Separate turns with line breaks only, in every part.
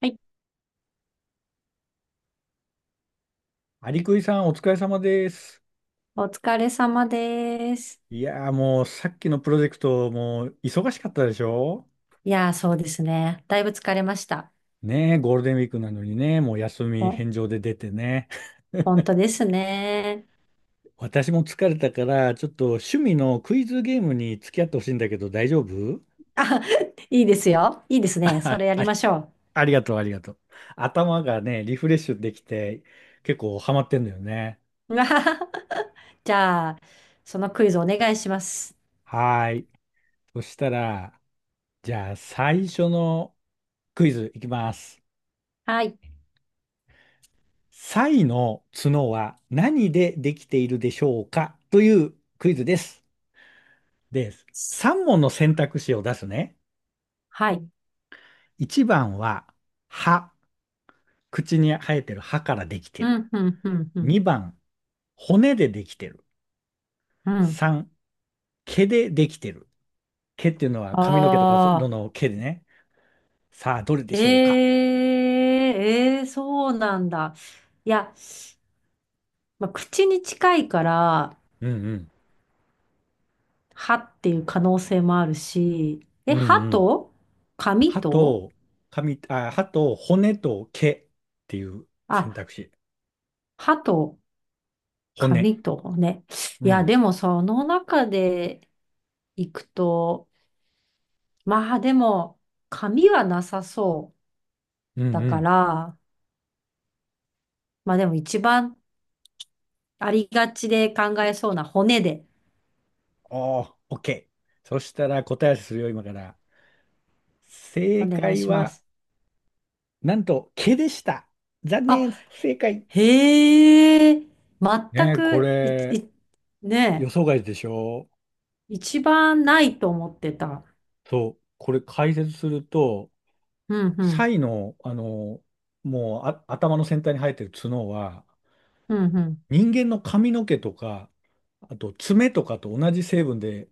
はい、
アリクイさん、お疲れ様です。
お疲れ様です。
いやー、もうさっきのプロジェクト、もう忙しかったでしょ？
いやー、そうですね。だいぶ疲れました。
ねえ、ゴールデンウィークなのにね、もう休
ほ、
み返上で出てね。
本当ですね。
私も疲れたから、ちょっと趣味のクイズゲームに付き合ってほしいんだけど、大丈夫？
あ、いいですよ。いいですね。それ
あ、
や
あ
り
り
ましょ
ありがとう、ありがとう。頭がね、リフレッシュできて、結構ハマってんだよね。
う。うわはは。じゃあ、そのクイズお願いします。
はーい。そしたら、じゃあ最初のクイズいきます。
はい。
サイの角は何でできているでしょうかというクイズです。で、3問の選択肢を出すね。
はい。
1番は歯、口に生えてる歯からできて
う
る。
ん、うん、うん、うん。
2番、骨でできてる。
うん。
3、毛でできてる。毛っていうのは髪の毛とかそ
あ
の
あ、
の毛でね。さあ、どれで
へ
しょうか？
え、ええ、そうなんだ。いや、まあ、口に近いから、
うんうん。
歯っていう可能性もあるし、え、
うんうん。
髪
歯
と
と髪、あ、歯と骨と毛っていう選
あ、
択肢。
歯と
骨。
髪とね。
う
いや、
ん。
でもその中で行くと、まあでも髪はなさそ
う
う
ん
だ
う
か
ん。
ら、まあでも一番ありがちで考えそうな骨で
おー、OK。そしたら答え合わせするよ、今から。
お
正
願い
解
しま
は、
す。
なんと、毛でした。残
あ、
念、不正解。
へえ、全
ねえ、こ
く、
れ、
い、ね
予想外でしょ？
え、一番ないと思ってた。
そう、これ解説すると、
うんう
サ
ん、
イの、あの、もうあ、頭の先端に生えてる角は、
うんうん。
人間の髪の毛とか、あと爪とかと同じ成分で、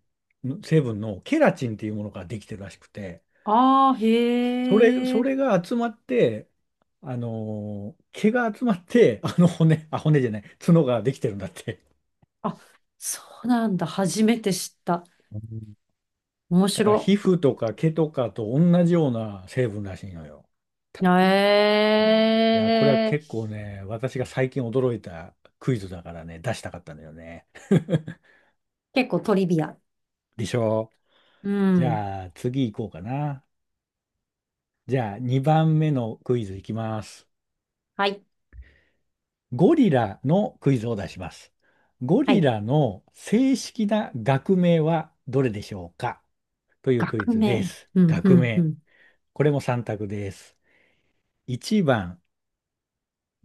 成分のケラチンっていうものができてるらしくて、
ああ、
それ、
へ
そ
え。
れが集まって、毛が集まって、あの骨、あ、骨じゃない、角ができてるんだって。
あ、そうなんだ。初めて知った。
うん。
面
だから
白。
皮膚とか毛とかと同じような成分らしいのよ。
え
いや、これは
え。
結構ね、私が最近驚いたクイズだからね、出したかったんだよね。
結構トリビア。
でしょ
う
う？じ
ん。
ゃあ次行こうかな。じゃあ2番目のクイズいきます。
はい。
ゴリラのクイズを出します。ゴ
は
リ
い。
ラの正式な学名はどれでしょうかというクイ
学
ズで
名。
す。
うん、う
学
ん、う
名。
ん。
これも3択です。1番、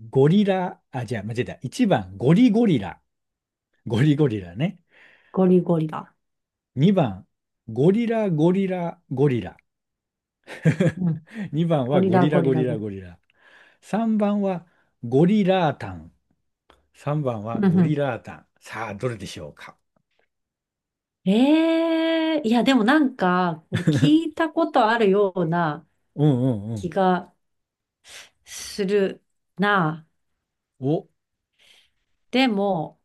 ゴリラ、あ、じゃあ、間違えた。1番、ゴリゴリラ。ゴリゴリラね。
ゴリゴリラ。
2番、ゴリラゴリラゴリラ。
うん。
2番
ゴ
は
リ
ゴ
ラ、
リラ
ゴリ
ゴリ
ラ、ゴ
ラ
リラ。
ゴリラ。3番はゴリラータン。3番
う
は
ん、う
ゴリ
ん。
ラータン。さあ、どれでしょうか？
ええ。いや、でもなんか、これ聞いたことあるような
うんうんう
気
ん。
がするな。
お、
でも、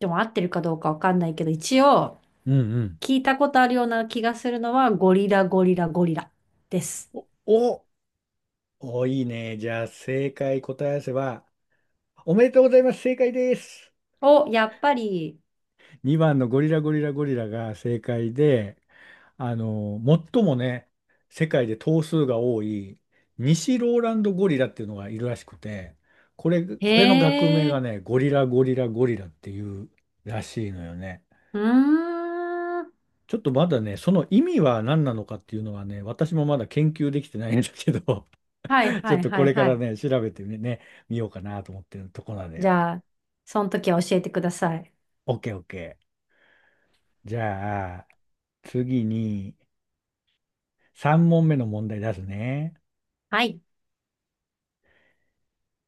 でも合ってるかどうかわかんないけど、一応、
うんうん。
聞いたことあるような気がするのは、ゴリラゴリラゴリラです。
お、お、お、いいね。じゃあ、正解答え合わせは、おめでとうございます。正解です。
お、やっぱり、
2番のゴリラゴリラゴリラが正解で、あの、最もね、世界で頭数が多い、西ローランドゴリラっていうのがいるらしくて、これの学名
へ
が
え、
ね、ゴリラゴリラゴリラっていうらしいのよね。
うーん。
ちょっとまだね、その意味は何なのかっていうのはね、私もまだ研究できてないんだけど、
はい
ち
は
ょっ
い
と
は
こ
い
れか
は
ら
い。
ね、調べてね、見ようかなと思ってるとこなんだ
じ
よ。
ゃあ、その時は教えてください。
オッケーオッケー。じゃあ、次に3問目の問題出すね。
はい。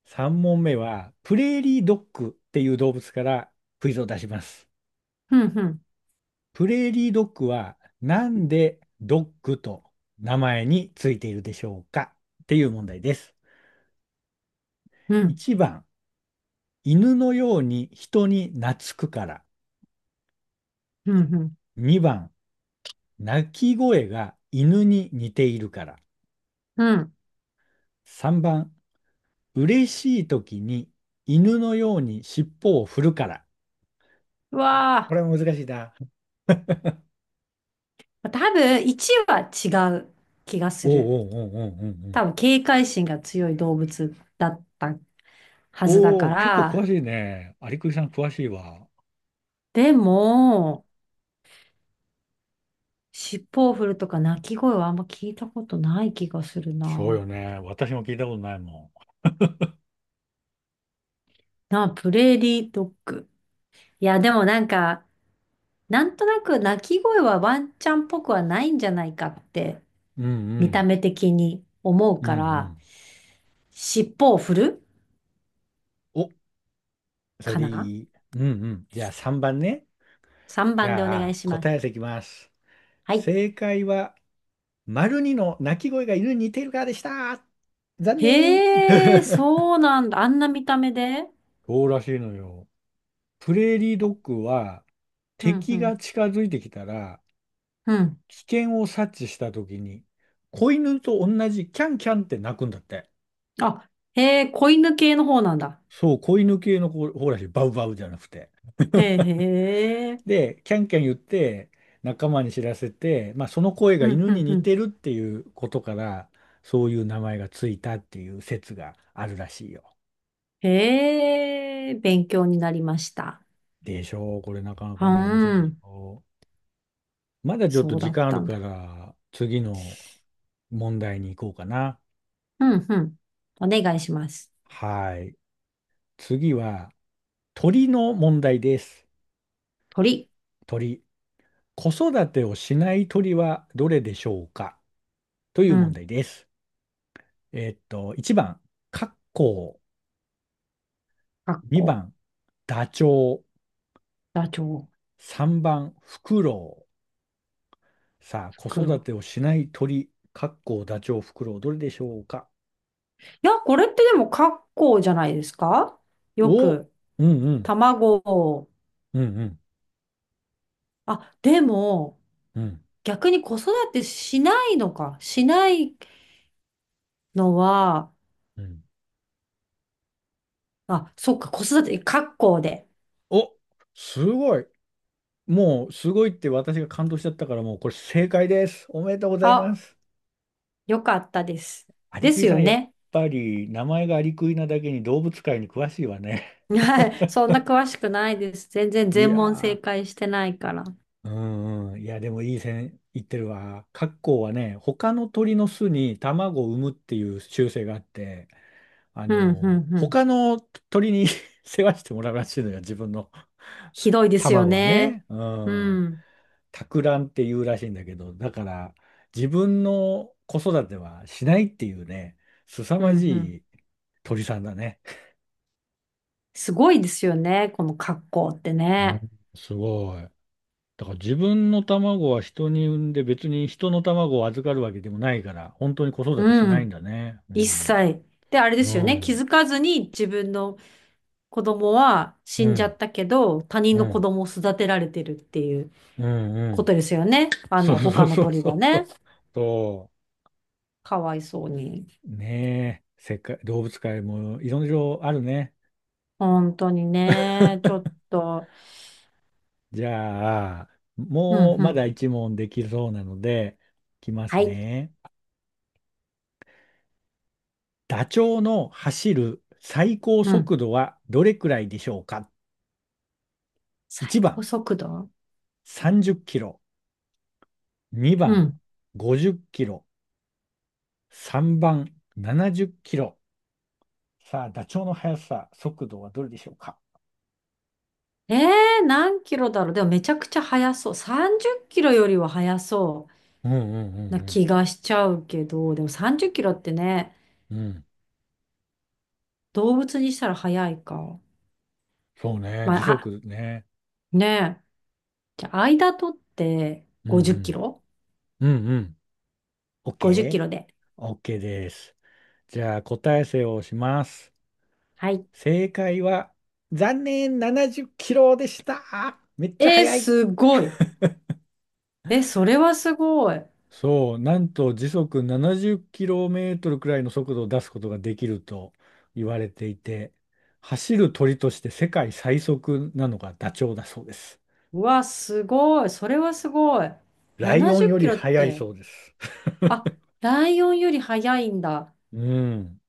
3問目は、プレーリードッグっていう動物からクイズを出します。
ふんふん、
プレーリードッグはなんでドッグと名前についているでしょうかっていう問題です。
うん、
1番、犬のように人に懐くから。
ふんふん、
2番、鳴き声が犬に似ているから。
うん。
3番、嬉しい時に犬のように尻尾を振るから。
う
こ
わ
れは難しいな。
あ、多分1は違う気が
お
する。
うおうおうおうおう
多分警戒心が強い動物だったは
お
ずだ
う。お
か
お、結構詳
ら、
しいね。有久さん詳しいわ。
でも、尻尾を振るとか鳴き声はあんま聞いたことない気がする
そう
な。
よね。私も聞いたことないも
なあ、プレーリードッグ。いや、でもなんか、なんとなく鳴き声はワンちゃんっぽくはないんじゃないかって、
ん。うんう
見た
ん。
目的に思う
うんう
から、
ん。
尻尾を振る
お、それ
か
で
な？
いい。うんうん。じゃあ3番ね。
3
じ
番でお
ゃ
願い
あ
しま
答
す。
え合わせいきます。
はい。
正解は、丸二の鳴き声が犬に似ているからでした。残念。
へえ、そうなんだ。あんな見た目で。
そうらしいのよ。プレーリードッグは
うん、う
敵
ん、
が近づいてきたら
うん。
危険を察知した時に子犬と同じキャンキャンって鳴くんだって。
あ、へえ、子犬系の方なんだ。
そう、子犬系の子ほらしい、バウバウじゃなくて。
へえ、へえ。
で、キャンキャン言って仲間に知らせて、まあ、その声
う
が
ん、
犬
う
に
ん、う
似
ん。
てるっていうことからそういう名前がついたっていう説があるらしいよ。
へえ、勉強になりました。
でしょう？これなかな
う
かね、面白いでし
ん、
ょう。まだちょっと
そうだ
時
っ
間あ
た
る
ん
か
だ。
ら次の問題に行こうかな。
うん、うん。お願いします。
はい。次は鳥の問題です。
鳥。
鳥。子育てをしない鳥はどれでしょうかとい
う
う問
ん。
題です。1番、カッコ
カッ
ウ。2
コ、
番、ダチョウ。
ダチョウ、
3番、フクロウ。さあ、子育
黒。
てをしない鳥、カッコウ、ダチョウ、フクロウ、どれでしょうか？
いや、これってでもカッコじゃないですか？よ
お、う
く、
んうん、
卵を。
うんうん、
あ、でも、
うん、
逆に子育てしないのか。しないのは、
うん。
あ、そっか、子育て、カッコで。
お、すごい。もうすごいって私が感動しちゃったからもうこれ正解です。おめでとうございま
あ、
す。
よかったです。
アリ
で
クイ
す
さ
よ
んやっ
ね。
ぱり名前がアリクイなだけに動物界に詳しいわね。
はい。そんな詳しくないです。全然
い
全問正
や
解してないから。
ー、うんうん、いやでもいい線いってるわ。カッコウはね、他の鳥の巣に卵を産むっていう習性があって、あ
うん、う
の
ん、うん。
他の鳥に 世話してもらうらしいのよ、自分の
ひどいですよ
卵は
ね。
ね。う
う
ん。
ん、
托卵っていうらしいんだけど、だから自分の子育てはしないっていうね、凄
う
ま
ん、
じ
うん。
い鳥さんだね。
すごいですよね。この格好って
うん。
ね。
すごい。だから自分の卵は人に産んで別に人の卵を預かるわけでもないから、本当に子育てし
う
ないん
ん。
だね。う
一
ん。
切。で、あれですよ
う
ね。気
ん。
づかずに自分の子供は死
う
んじゃ
ん。
ったけど、他人
う
の子
ん。
供を育てられてるっていう
うん。う
こと
ん。
ですよね。あ
そう
の、
そ
他
う
の
そう
鳥
そ
は
うそ
ね。
う。そ
かわいそうに。
う。ねえ。世界、動物界もいろいろあるね。
本当にね。ちょっと。
じゃあ、
うん、
もう
う
まだ
ん。
一問できそうなので、いきま
は
す
い。
ね。ダチョウの走る最高
うん。
速度はどれくらいでしょうか？ 1
最高
番
速度。
30キロ、2
う
番
ん。
50キロ、3番70キロ。さあ、ダチョウの速さ、速度はどれでしょうか？
何キロだろう。でもめちゃくちゃ速そう。30キロよりは速そ
うんうん
うな
うん
気がしちゃうけど、でも30キロってね、
うん。うん。
動物にしたら速いか。
そうね。
ま
時
あ、あ、
速ね。
ねえ。じゃあ、間取って
うん
50キロ？
うん。うんうん。
50 キロ
OK?OK
で。
です。じゃあ、答え伏せをします。
はい。
正解は、残念、70キロでした。めっちゃ
えー、
速い。
すごい。え、それはすごい。
そう、なんと時速70キロメートルくらいの速度を出すことができると言われていて、走る鳥として世界最速なのがダチョウだそうです。
うわ、すごい。それはすごい。
ライオ
70
ン
キ
より
ロっ
速い
て、
そうです。
あ、ライオンより速いんだ。
うん。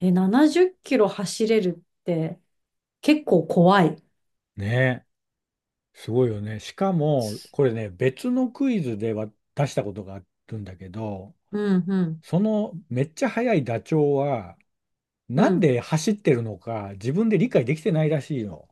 え、70キロ走れるって結構怖い。
ね。すごいよね。しかも、これね、別のクイズでは出したことがあるんだけど、
うん、うん、
そのめっちゃ速いダチョウは、
う
なん
ん。
で走ってるのか自分で理解できてないらしいの。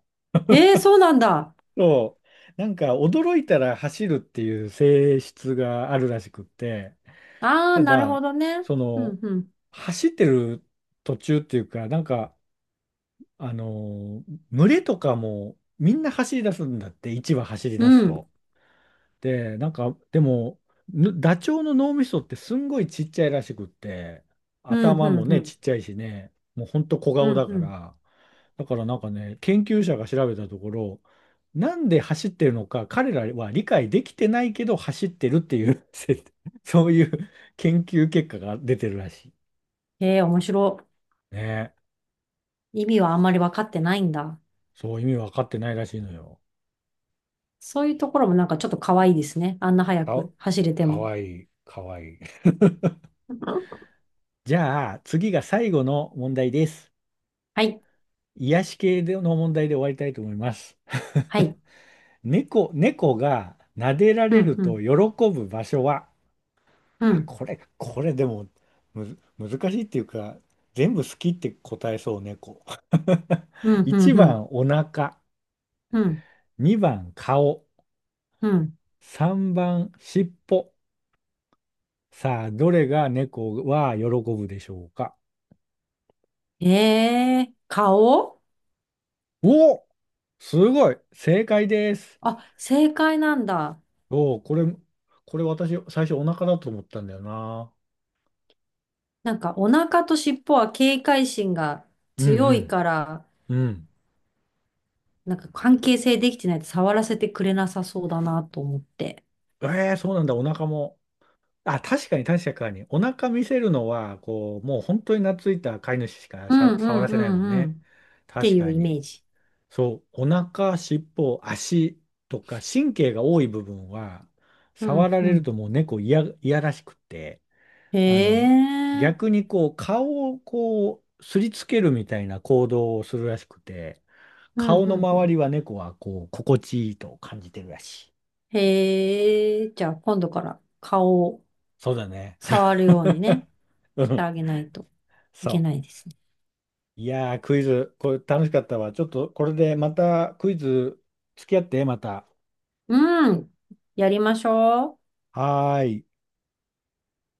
えー、そうなんだ。
そう。なんか驚いたら走るっていう性質があるらしくって、
ああ、
た
なるほ
だ、
どね。
そ
う
の、
ん、うん、
走ってる途中っていうか、なんか、あの、群れとかもみんな走り出すんだって、一羽走り
う
出す
ん、
と。で、なんか、でも、ダチョウの脳みそってすんごいちっちゃいらしくって、
うん、
頭
う
も
ん、う
ね、
ん、
ちっちゃいしね、もうほんと小
う
顔
ん。
だか
うん。
ら、だからなんかね、研究者が調べたところ、なんで走ってるのか、彼らは理解できてないけど走ってるっていう そういう研究結果が出てるらし
面白
い。ね。
い。意味はあんまり分かってないんだ。
そう意味分かってないらしいのよ。
そういうところもなんかちょっと可愛いですね。あんな早
か、
く走れて
か
も。
わいい、かわいい。じゃあ、次が最後の問題です。
はい、
癒し系での問題で終わりたいと思います。
はい。
猫が撫でら
う
れ
ん、
る
う
と
ん、
喜ぶ場所は、
う
あ、
ん、
これでもむず、難しいっていうか、全部好きって答えそう、猫。
う ん、う
1
ん、うん、
番、お腹。
うん。
2番、顔。
うん。
3番、尻尾。さあ、どれが猫は喜ぶでしょうか。
顔。
おお、すごい、正解です。
あ、正解なんだ。
おお、これ私、最初お腹だと思ったんだよな。
なんかお腹と尻尾は警戒心が
う
強い
ん
から、
うん。うん。
なんか関係性できてないと触らせてくれなさそうだなと思って。
ええそうなんだ、お腹も。あ、確かに確かに。お腹見せるのは、こう、もう本当に懐いた飼い主しか
うんう
触
ん
ら
う
せないもん
んうん。
ね。
って
確
いう
か
イメ
に。
ージ。
そう、お腹、尻尾、足とか、神経が多い部分は、
う
触
ん
られ
う
る
ん。
ともう猫いや、いやらしくって、
へ
あの、
え。
逆にこう、顔をこう、すりつけるみたいな行動をするらしくて、
うん
顔
う
の
んう
周
ん。
りは猫はこう、心地いいと感じてるらしい。
へえ。じゃあ今度から顔を
そうだね。
触るようにね、
う
して
ん。
あげないといけ
そ
ないですね。
う。いやー、クイズ、これ楽しかったわ。ちょっとこれでまたクイズ付き合って、また。
うん。やりましょう。
はーい。